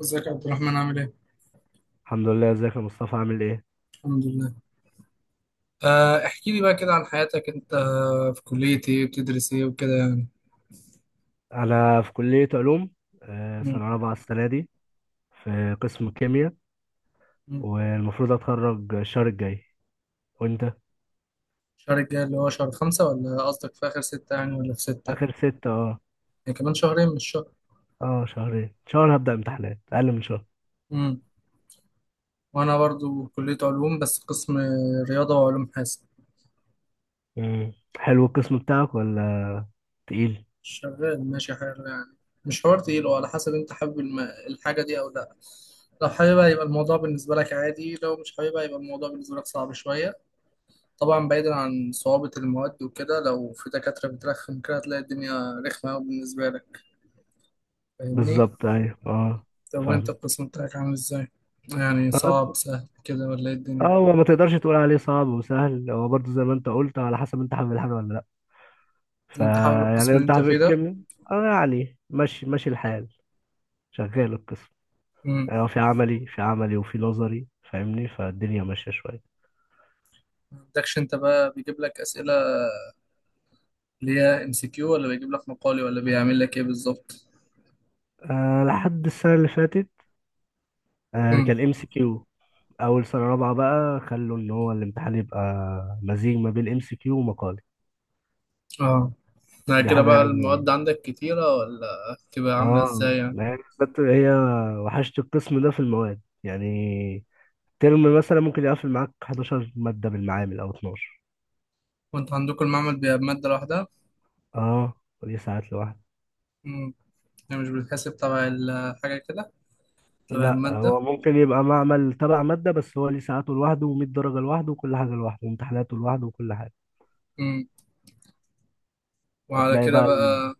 ازيك يا عبد الرحمن؟ عامل ايه؟ الحمد لله. ازيك يا مصطفى عامل ايه؟ الحمد لله. احكي لي بقى كده عن حياتك انت، في كلية ايه، بتدرس ايه وكده يعني. انا في كلية علوم. مم، سنة رابعة السنة دي. في قسم كيمياء. مم. والمفروض اتخرج الشهر الجاي. وانت؟ الشهر الجاي اللي هو شهر خمسة ولا قصدك في آخر ستة يعني ولا في ستة؟ اخر ستة. اه يعني كمان شهرين مش شهر. اه، شهرين. شهر هبدأ امتحانات، اقل من شهر. مم. وأنا برضو كلية علوم بس قسم رياضة وعلوم حاسب. مم. حلو القسم بتاعك ولا تقيل؟ شغال ماشي حاجة يعني، مش حوار تقيل. وعلى حسب انت حابب الحاجة دي أو لأ. لو حاببها يبقى الموضوع بالنسبة لك عادي، لو مش حاببها يبقى الموضوع بالنسبة لك صعب شوية. طبعا بعيدا عن صعوبة المواد وكده، لو في دكاترة بترخم كده هتلاقي الدنيا رخمة أوي بالنسبة لك. فاهمني؟ بالظبط، ايوه، اه. طب وأنت فاهم. القسم بتاعك عامل إزاي؟ يعني اه صعب، سهل كده، ولا إيه الدنيا؟ هو ما تقدرش تقول عليه صعب وسهل، هو برضه زي ما انت قلت، على حسب انت حابب الحاجة ولا لا. أنت حابب القسم فيعني اللي انت أنت حابب فيه ده؟ الكيمياء؟ اه يعني ماشي ماشي الحال، شغال القسم. مم. اه في عملي وفي نظري، فاهمني، فالدنيا ماشية شوية. ما عندكش أنت بقى بيجيب لك أسئلة اللي هي MCQ، ولا بيجيب لك مقالي، ولا بيعمل لك إيه بالظبط؟ لحد السنة اللي فاتت مم. كان MCQ. أول سنة رابعة بقى خلوا إن هو الامتحان يبقى مزيج ما بين MCQ ومقالي. أه. يعني دي كده حاجة بقى يعني. المواد عندك كتيرة ولا بتبقى عاملة اه إزاي يعني؟ يعني بالذات هي وحشت القسم ده في المواد يعني. ترم مثلا ممكن يقفل معاك 11 مادة بالمعامل أو 12. وأنت عندكم المعمل بيبقى بمادة لوحدها؟ اه ودي ساعات لوحدها. مم. يعني مش بتحسب تبع الحاجة كده؟ تبع لا، المادة. هو ممكن يبقى معمل تبع مادة، بس هو ليه ساعاته لوحده، و100 درجة لوحده، وكل حاجة لوحده، وامتحاناته لوحده، وكل حاجة. مم. وعلى هتلاقي كده بقى، بقى.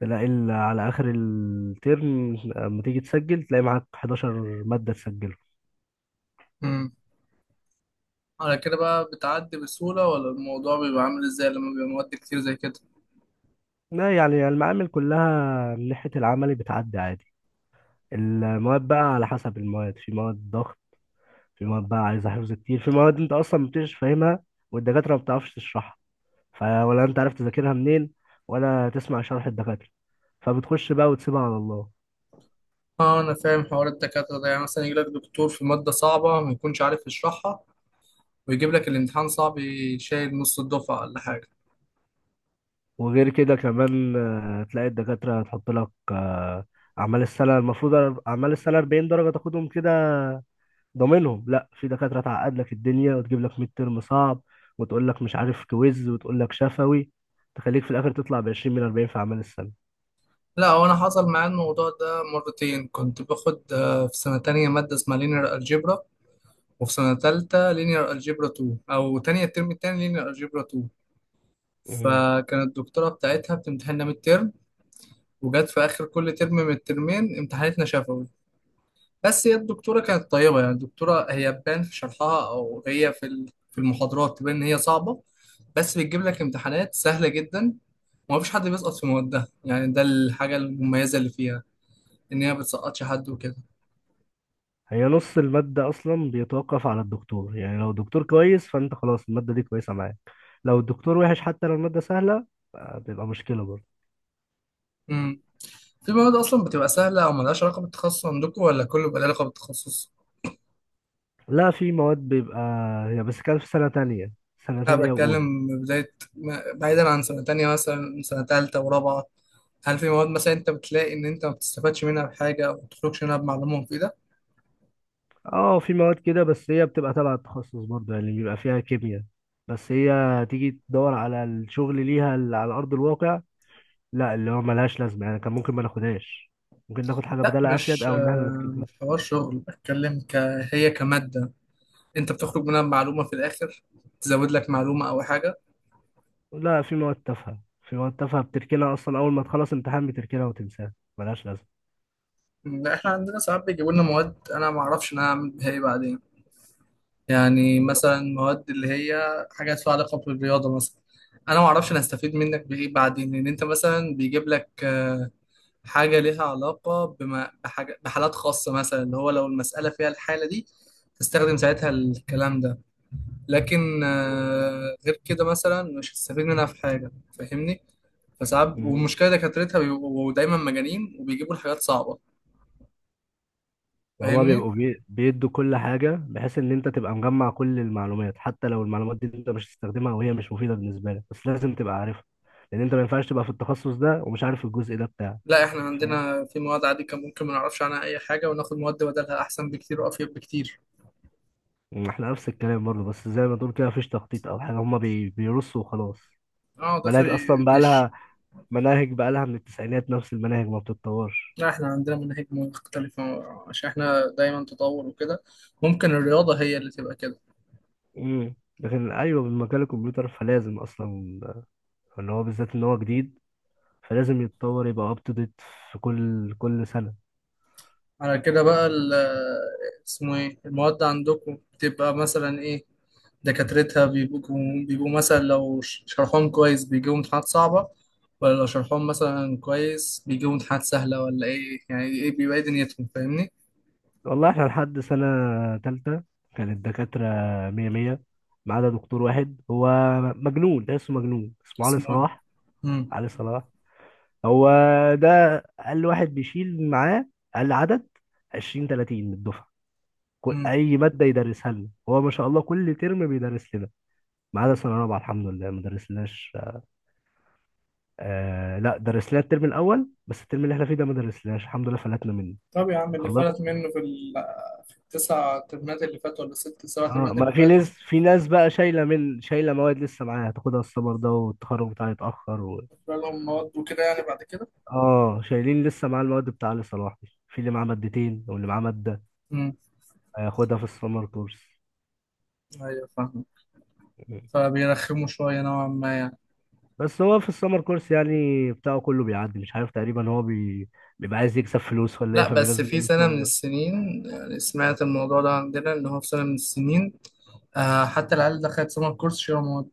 تلاقي على آخر الترم لما تيجي تسجل تلاقي معاك 11 مادة تسجله. مم. على كده بقى بتعدي بسهولة، ولا الموضوع بيبقى عامل ازاي لما بيبقى مواد كتير زي كده؟ لا يعني المعامل كلها من ناحية العملي بتعدي عادي. المواد بقى على حسب المواد، في مواد ضغط، في مواد بقى عايزة حفظ كتير، في مواد انت اصلا مبتبقاش فاهمها والدكاترة ما بتعرفش تشرحها، فولا انت عارف تذاكرها منين ولا تسمع شرح الدكاترة، فبتخش بقى وتسيبها على الله. اه انا فاهم حوار الدكاترة ده. يعني مثلا يجيلك دكتور في مادة صعبة ما يكونش عارف يشرحها، ويجيب لك الامتحان صعب يشيل نص الدفعة ولا حاجة. وغير كده كمان تلاقي الدكاترة هتحط لك أعمال السنة. المفروض أعمال السنة 40 درجة تاخدهم كده ضامنهم. لا، في دكاترة تعقد لك الدنيا وتجيب لك ميد ترم صعب، وتقول لك مش عارف كويز، وتقول لك شفوي، تخليك في الآخر تطلع ب 20 من 40 في أعمال السنة. لا، هو انا حصل معايا الموضوع ده مرتين. كنت باخد في سنة تانية مادة اسمها لينير الجبرا، وفي سنة تالتة لينير الجبرا 2، او تانية الترم التاني لينير الجبرا 2. مم. فكانت الدكتورة بتاعتها بتمتحننا ميد ترم، وجت في اخر كل ترم من الترمين امتحانتنا شفوي. بس هي الدكتوره كانت طيبه يعني. الدكتوره هي بان في شرحها، او هي في المحاضرات تبان ان هي صعبه، بس بتجيب لك امتحانات سهله جدا، وما فيش حد بيسقط في موادها يعني. ده الحاجه المميزه اللي فيها، ان هي ما بتسقطش حد وكده. هي نص المادة أصلا بيتوقف على الدكتور. يعني لو الدكتور كويس فأنت خلاص المادة دي كويسة معاك، لو الدكتور وحش حتى لو المادة سهلة بيبقى مشكلة برضه. امم في مواد اصلا بتبقى سهله او ملهاش علاقه بالتخصص عندكم، ولا كله بيبقى له علاقه بالتخصص؟ لا، في مواد بيبقى، هي بس كانت في سنة تانية، سنة لا، تانية وأولى. بتكلم بدايه بعيدا عن سنه تانية، مثلا سنه تالتة ورابعه. هل في مواد مثلا انت بتلاقي ان انت ما بتستفادش منها بحاجه، او ما بتخرجش منها بمعلومه مفيده؟ اه في مواد كده، بس هي بتبقى تبع التخصص برضه، يعني بيبقى فيها كيمياء، بس هي تيجي تدور على الشغل ليها اللي على أرض الواقع، لا، اللي هو ملهاش لازمة يعني، كان ممكن ما ناخدهاش، ممكن ناخد حاجة لا، بدالها أفيد مش أو إن احنا آه، نسكبها. مش حوار شغل، بتكلم هي كماده، انت بتخرج منها بمعلومه في الاخر، تزود لك معلومه او حاجه. لا، في مواد تافهة، في مواد تافهة بتركنها أصلا أول ما تخلص امتحان بتركنها وتنساها، ملهاش لازمة. لا، احنا عندنا ساعات بيجيبوا لنا مواد انا ما اعرفش انا هعمل بيها ايه بعدين. يعني بالظبط. مثلا مواد اللي هي حاجات لها علاقه بالرياضه مثلا، انا ما اعرفش انا هستفيد منك بايه بعدين. لان انت مثلا بيجيب لك حاجة ليها علاقة بما بحاجة بحالات خاصة، مثلا اللي هو لو المسألة فيها الحالة دي تستخدم ساعتها الكلام ده، لكن غير كده مثلا مش هتستفيد منها في حاجة. فاهمني؟ فساعات مم. والمشكلة دكاترتها بيبقوا دايما مجانين وبيجيبوا الحاجات صعبة. هما فاهمني؟ بيبقوا بيدوا كل حاجة بحيث إن أنت تبقى مجمع كل المعلومات، حتى لو المعلومات دي أنت مش هتستخدمها وهي مش مفيدة بالنسبة لك، بس لازم تبقى عارفها، لأن أنت ما ينفعش تبقى في التخصص ده ومش عارف الجزء ده بتاعك. لا، احنا فاهم. عندنا في مواد عادي كان ممكن ما نعرفش عنها أي حاجة وناخد مواد بدلها أحسن بكتير وأفيد بكتير. إحنا نفس الكلام برضه، بس زي ما تقول كده مفيش تخطيط أو حاجة، هما بيرصوا وخلاص. اه، داخل مناهج أصلا بقى ليش. لها، مناهج بقى لها من التسعينات، نفس المناهج ما بتتطورش. لا، احنا عندنا مناهج مختلفة، عشان احنا دايما تطور وكده. ممكن الرياضة هي اللي تبقى كده. لكن أيوه، بمجال الكمبيوتر فلازم أصلا، اللي هو بالذات إن هو جديد، فلازم يتطور يبقى أب تو ديت في كل كل سنة. على كده بقى اسمه ايه المواد عندكم، بتبقى مثلا ايه؟ دكاترتها بيبقوا مثلا لو شرحهم كويس بيجيبوا امتحانات صعبة، ولا لو شرحهم مثلا كويس بيجيبوا امتحانات سهلة، ولا ايه يعني؟ ايه بيبقى ايه دنيتهم؟ فاهمني؟ والله احنا لحد سنة تالتة كان الدكاترة مية مية ما عدا دكتور واحد، هو مجنون، تحسه مجنون، اسمه علي اسمه ايه؟ صلاح. مم. علي صلاح، هو ده أقل واحد بيشيل معاه، أقل عدد 20 30 من الدفعة. مم. أي مادة يدرسها لنا هو ما شاء الله كل ترم بيدرس لنا، ما عدا سنة رابعة الحمد لله ما درسلناش. لا، درس لنا الترم الأول، بس الترم اللي احنا فيه ده ما درسلناش الحمد لله، فلتنا منه. طب يا عم، اللي فلت منه في في التسع ترمات اللي فاتوا، ولا الست سبع اه ترمات ما اللي في فاتوا؟ ناس في ناس بقى شايله، من شايله مواد لسه معاها هتاخدها السمر ده، والتخرج بتاعها يتاخر بقى لهم مواد وكده يعني بعد كده. اه شايلين لسه معاه المواد بتاع علي صلاح دي. في اللي معاه مادتين واللي معاه ماده امم هياخدها في السمر كورس. ايوه، فاهم. مم. فبيرخموا شوية نوعا ما يعني. بس هو في السمر كورس يعني بتاعه كله بيعدي، مش عارف، تقريبا هو بيبقى عايز يكسب فلوس ولا ايه، لا، بس فبينزل في لنا سنة السمر من كورس. السنين، يعني سمعت الموضوع ده عندنا إن هو في سنة من السنين، حتى العيال دخلت سمر كورس شبه مواد،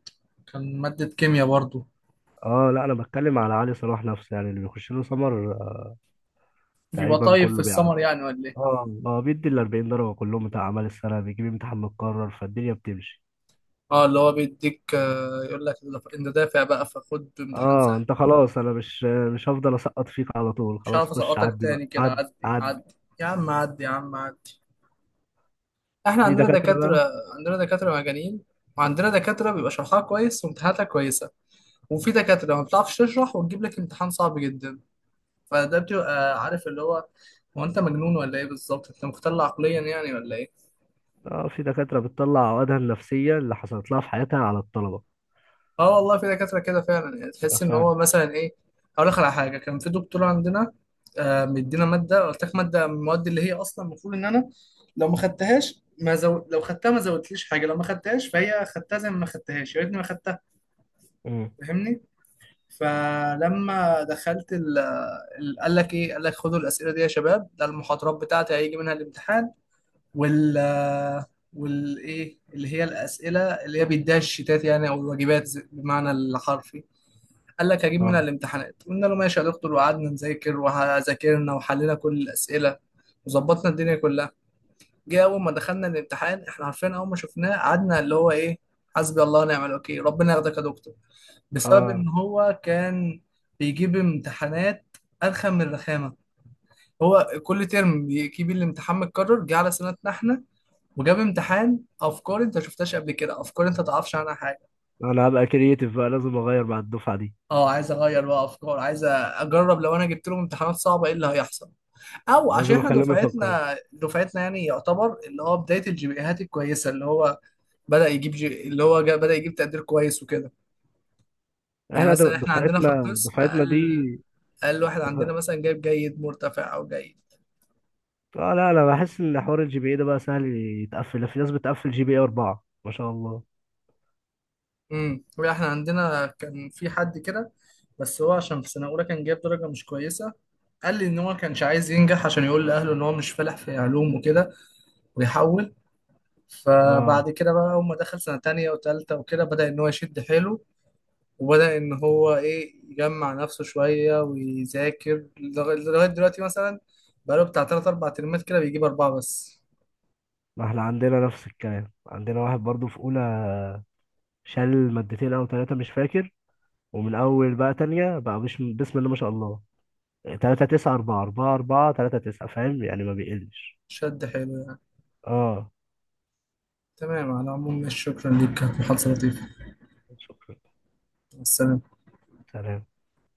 كان مادة كيمياء برضو. اه لا، انا بتكلم على علي صلاح نفسه، يعني اللي بيخش له سمر بيبقى تقريبا طيب في كله بيعدي. السمر يعني ولا إيه؟ اه بيدي ال 40 درجه كلهم بتاع اعمال السنه، بيجيب امتحان متكرر، فالدنيا بتمشي. اه، اللي هو بيديك يقول لك انت دافع بقى فخد امتحان اه سهل. انت خلاص، انا مش هفضل اسقط فيك على طول، مش خلاص عارف خش اسقطك عدي بقى، تاني كده، عدي عدي عدي. عدي. يا عم عدي، يا عم عدي. احنا في عندنا دكاترة بقى. دكاترة. عندنا دكاترة مجانين، وعندنا دكاترة بيبقى شرحها كويس وامتحاناتها كويسة، وفي دكاترة ما بتعرفش تشرح وتجيب لك امتحان صعب جدا. فده بتبقى عارف اللي هو، هو انت مجنون ولا ايه بالظبط؟ انت مختل عقليا يعني ولا ايه؟ اه في دكاترة بتطلع عقدها النفسية اللي حصلت لها في حياتها على الطلبة. اه والله، في دكاتره كده فعلا، يعني ده تحس ان فعلا. هو مثلا ايه. اقول لك على حاجه، كان في دكتور عندنا مدينا ماده. قلت لك ماده من المواد اللي هي اصلا المفروض ان انا لو ما خدتهاش ما زو... لو خدتها ما زودتليش حاجه، لو ما خدتهاش فهي خدتها زي ما خدتهاش، يا ريتني ما خدتها. امم فاهمني؟ فلما دخلت قال لك ايه، قال لك خدوا الاسئله دي يا شباب، ده المحاضرات بتاعتي هيجي منها الامتحان، وال والايه اللي هي الاسئله اللي هي بيديها الشيتات يعني، او الواجبات بمعنى الحرفي. قال لك هجيب منها اه الامتحانات، قلنا له ماشي يا دكتور، وقعدنا نذاكر وذاكرنا وحلينا كل الاسئله وظبطنا الدنيا كلها. جه اول ما دخلنا الامتحان احنا عارفين، اول ما شفناه قعدنا اللي هو ايه، حسبي الله ونعم الوكيل، ربنا ياخدك يا دكتور. بسبب اه ان هو كان بيجيب امتحانات ارخم من الرخامه. هو كل ترم بيجيب الامتحان متكرر، جه على سنتنا احنا وجاب امتحان افكار انت شفتهاش قبل كده، افكار انت تعرفش عنها حاجه. انا هبقى كرييتيف بقى، لازم اغير مع الدفعة دي، اه، عايز اغير بقى افكار، عايز اجرب لو انا جبت لهم امتحانات صعبه ايه اللي هيحصل، او عشان لازم احنا اخليهم يفكروا. دفعتنا يعني يعتبر اللي هو بدايه الجي بي ايهات الكويسه، اللي هو بدا يجيب اللي هو بدا يجيب تقدير كويس وكده. يعني احنا مثلا احنا عندنا في دفعتنا القسم دفعتنا دي. اقل واحد عندنا مثلا جايب جيد مرتفع او جيد. اه لا، انا بحس ان حوار الGPA ده بقى سهل يتقفل، في ناس بتقفل GPA 4، ما شاء الله. امم احنا عندنا كان في حد كده، بس هو عشان في سنه اولى كان جايب درجه مش كويسه، قال لي ان هو كانش عايز ينجح عشان يقول لاهله ان هو مش فالح في علوم وكده، ويحول. اه فبعد كده بقى اول ما دخل سنه تانية وتالتة وكده بدأ ان هو يشد حيله، وبدأ ان هو ايه يجمع نفسه شويه ويذاكر، لغايه دلوقتي مثلا بقاله بتاع تلات اربع ترمات كده بيجيب اربعه بس. ما احنا عندنا نفس الكلام، عندنا واحد برضو في اولى شال مادتين او ثلاثه مش فاكر، ومن اول بقى تانية بقى مش بسم الله ما شاء الله، 3.9 4 4 4 3.9، فاهم يعني ما بيقلش. شد حيله يعني. اه تمام، على العموم شكرا ليك، كانت محادثه لطيفه. شكرا. مع السلامه. سلام.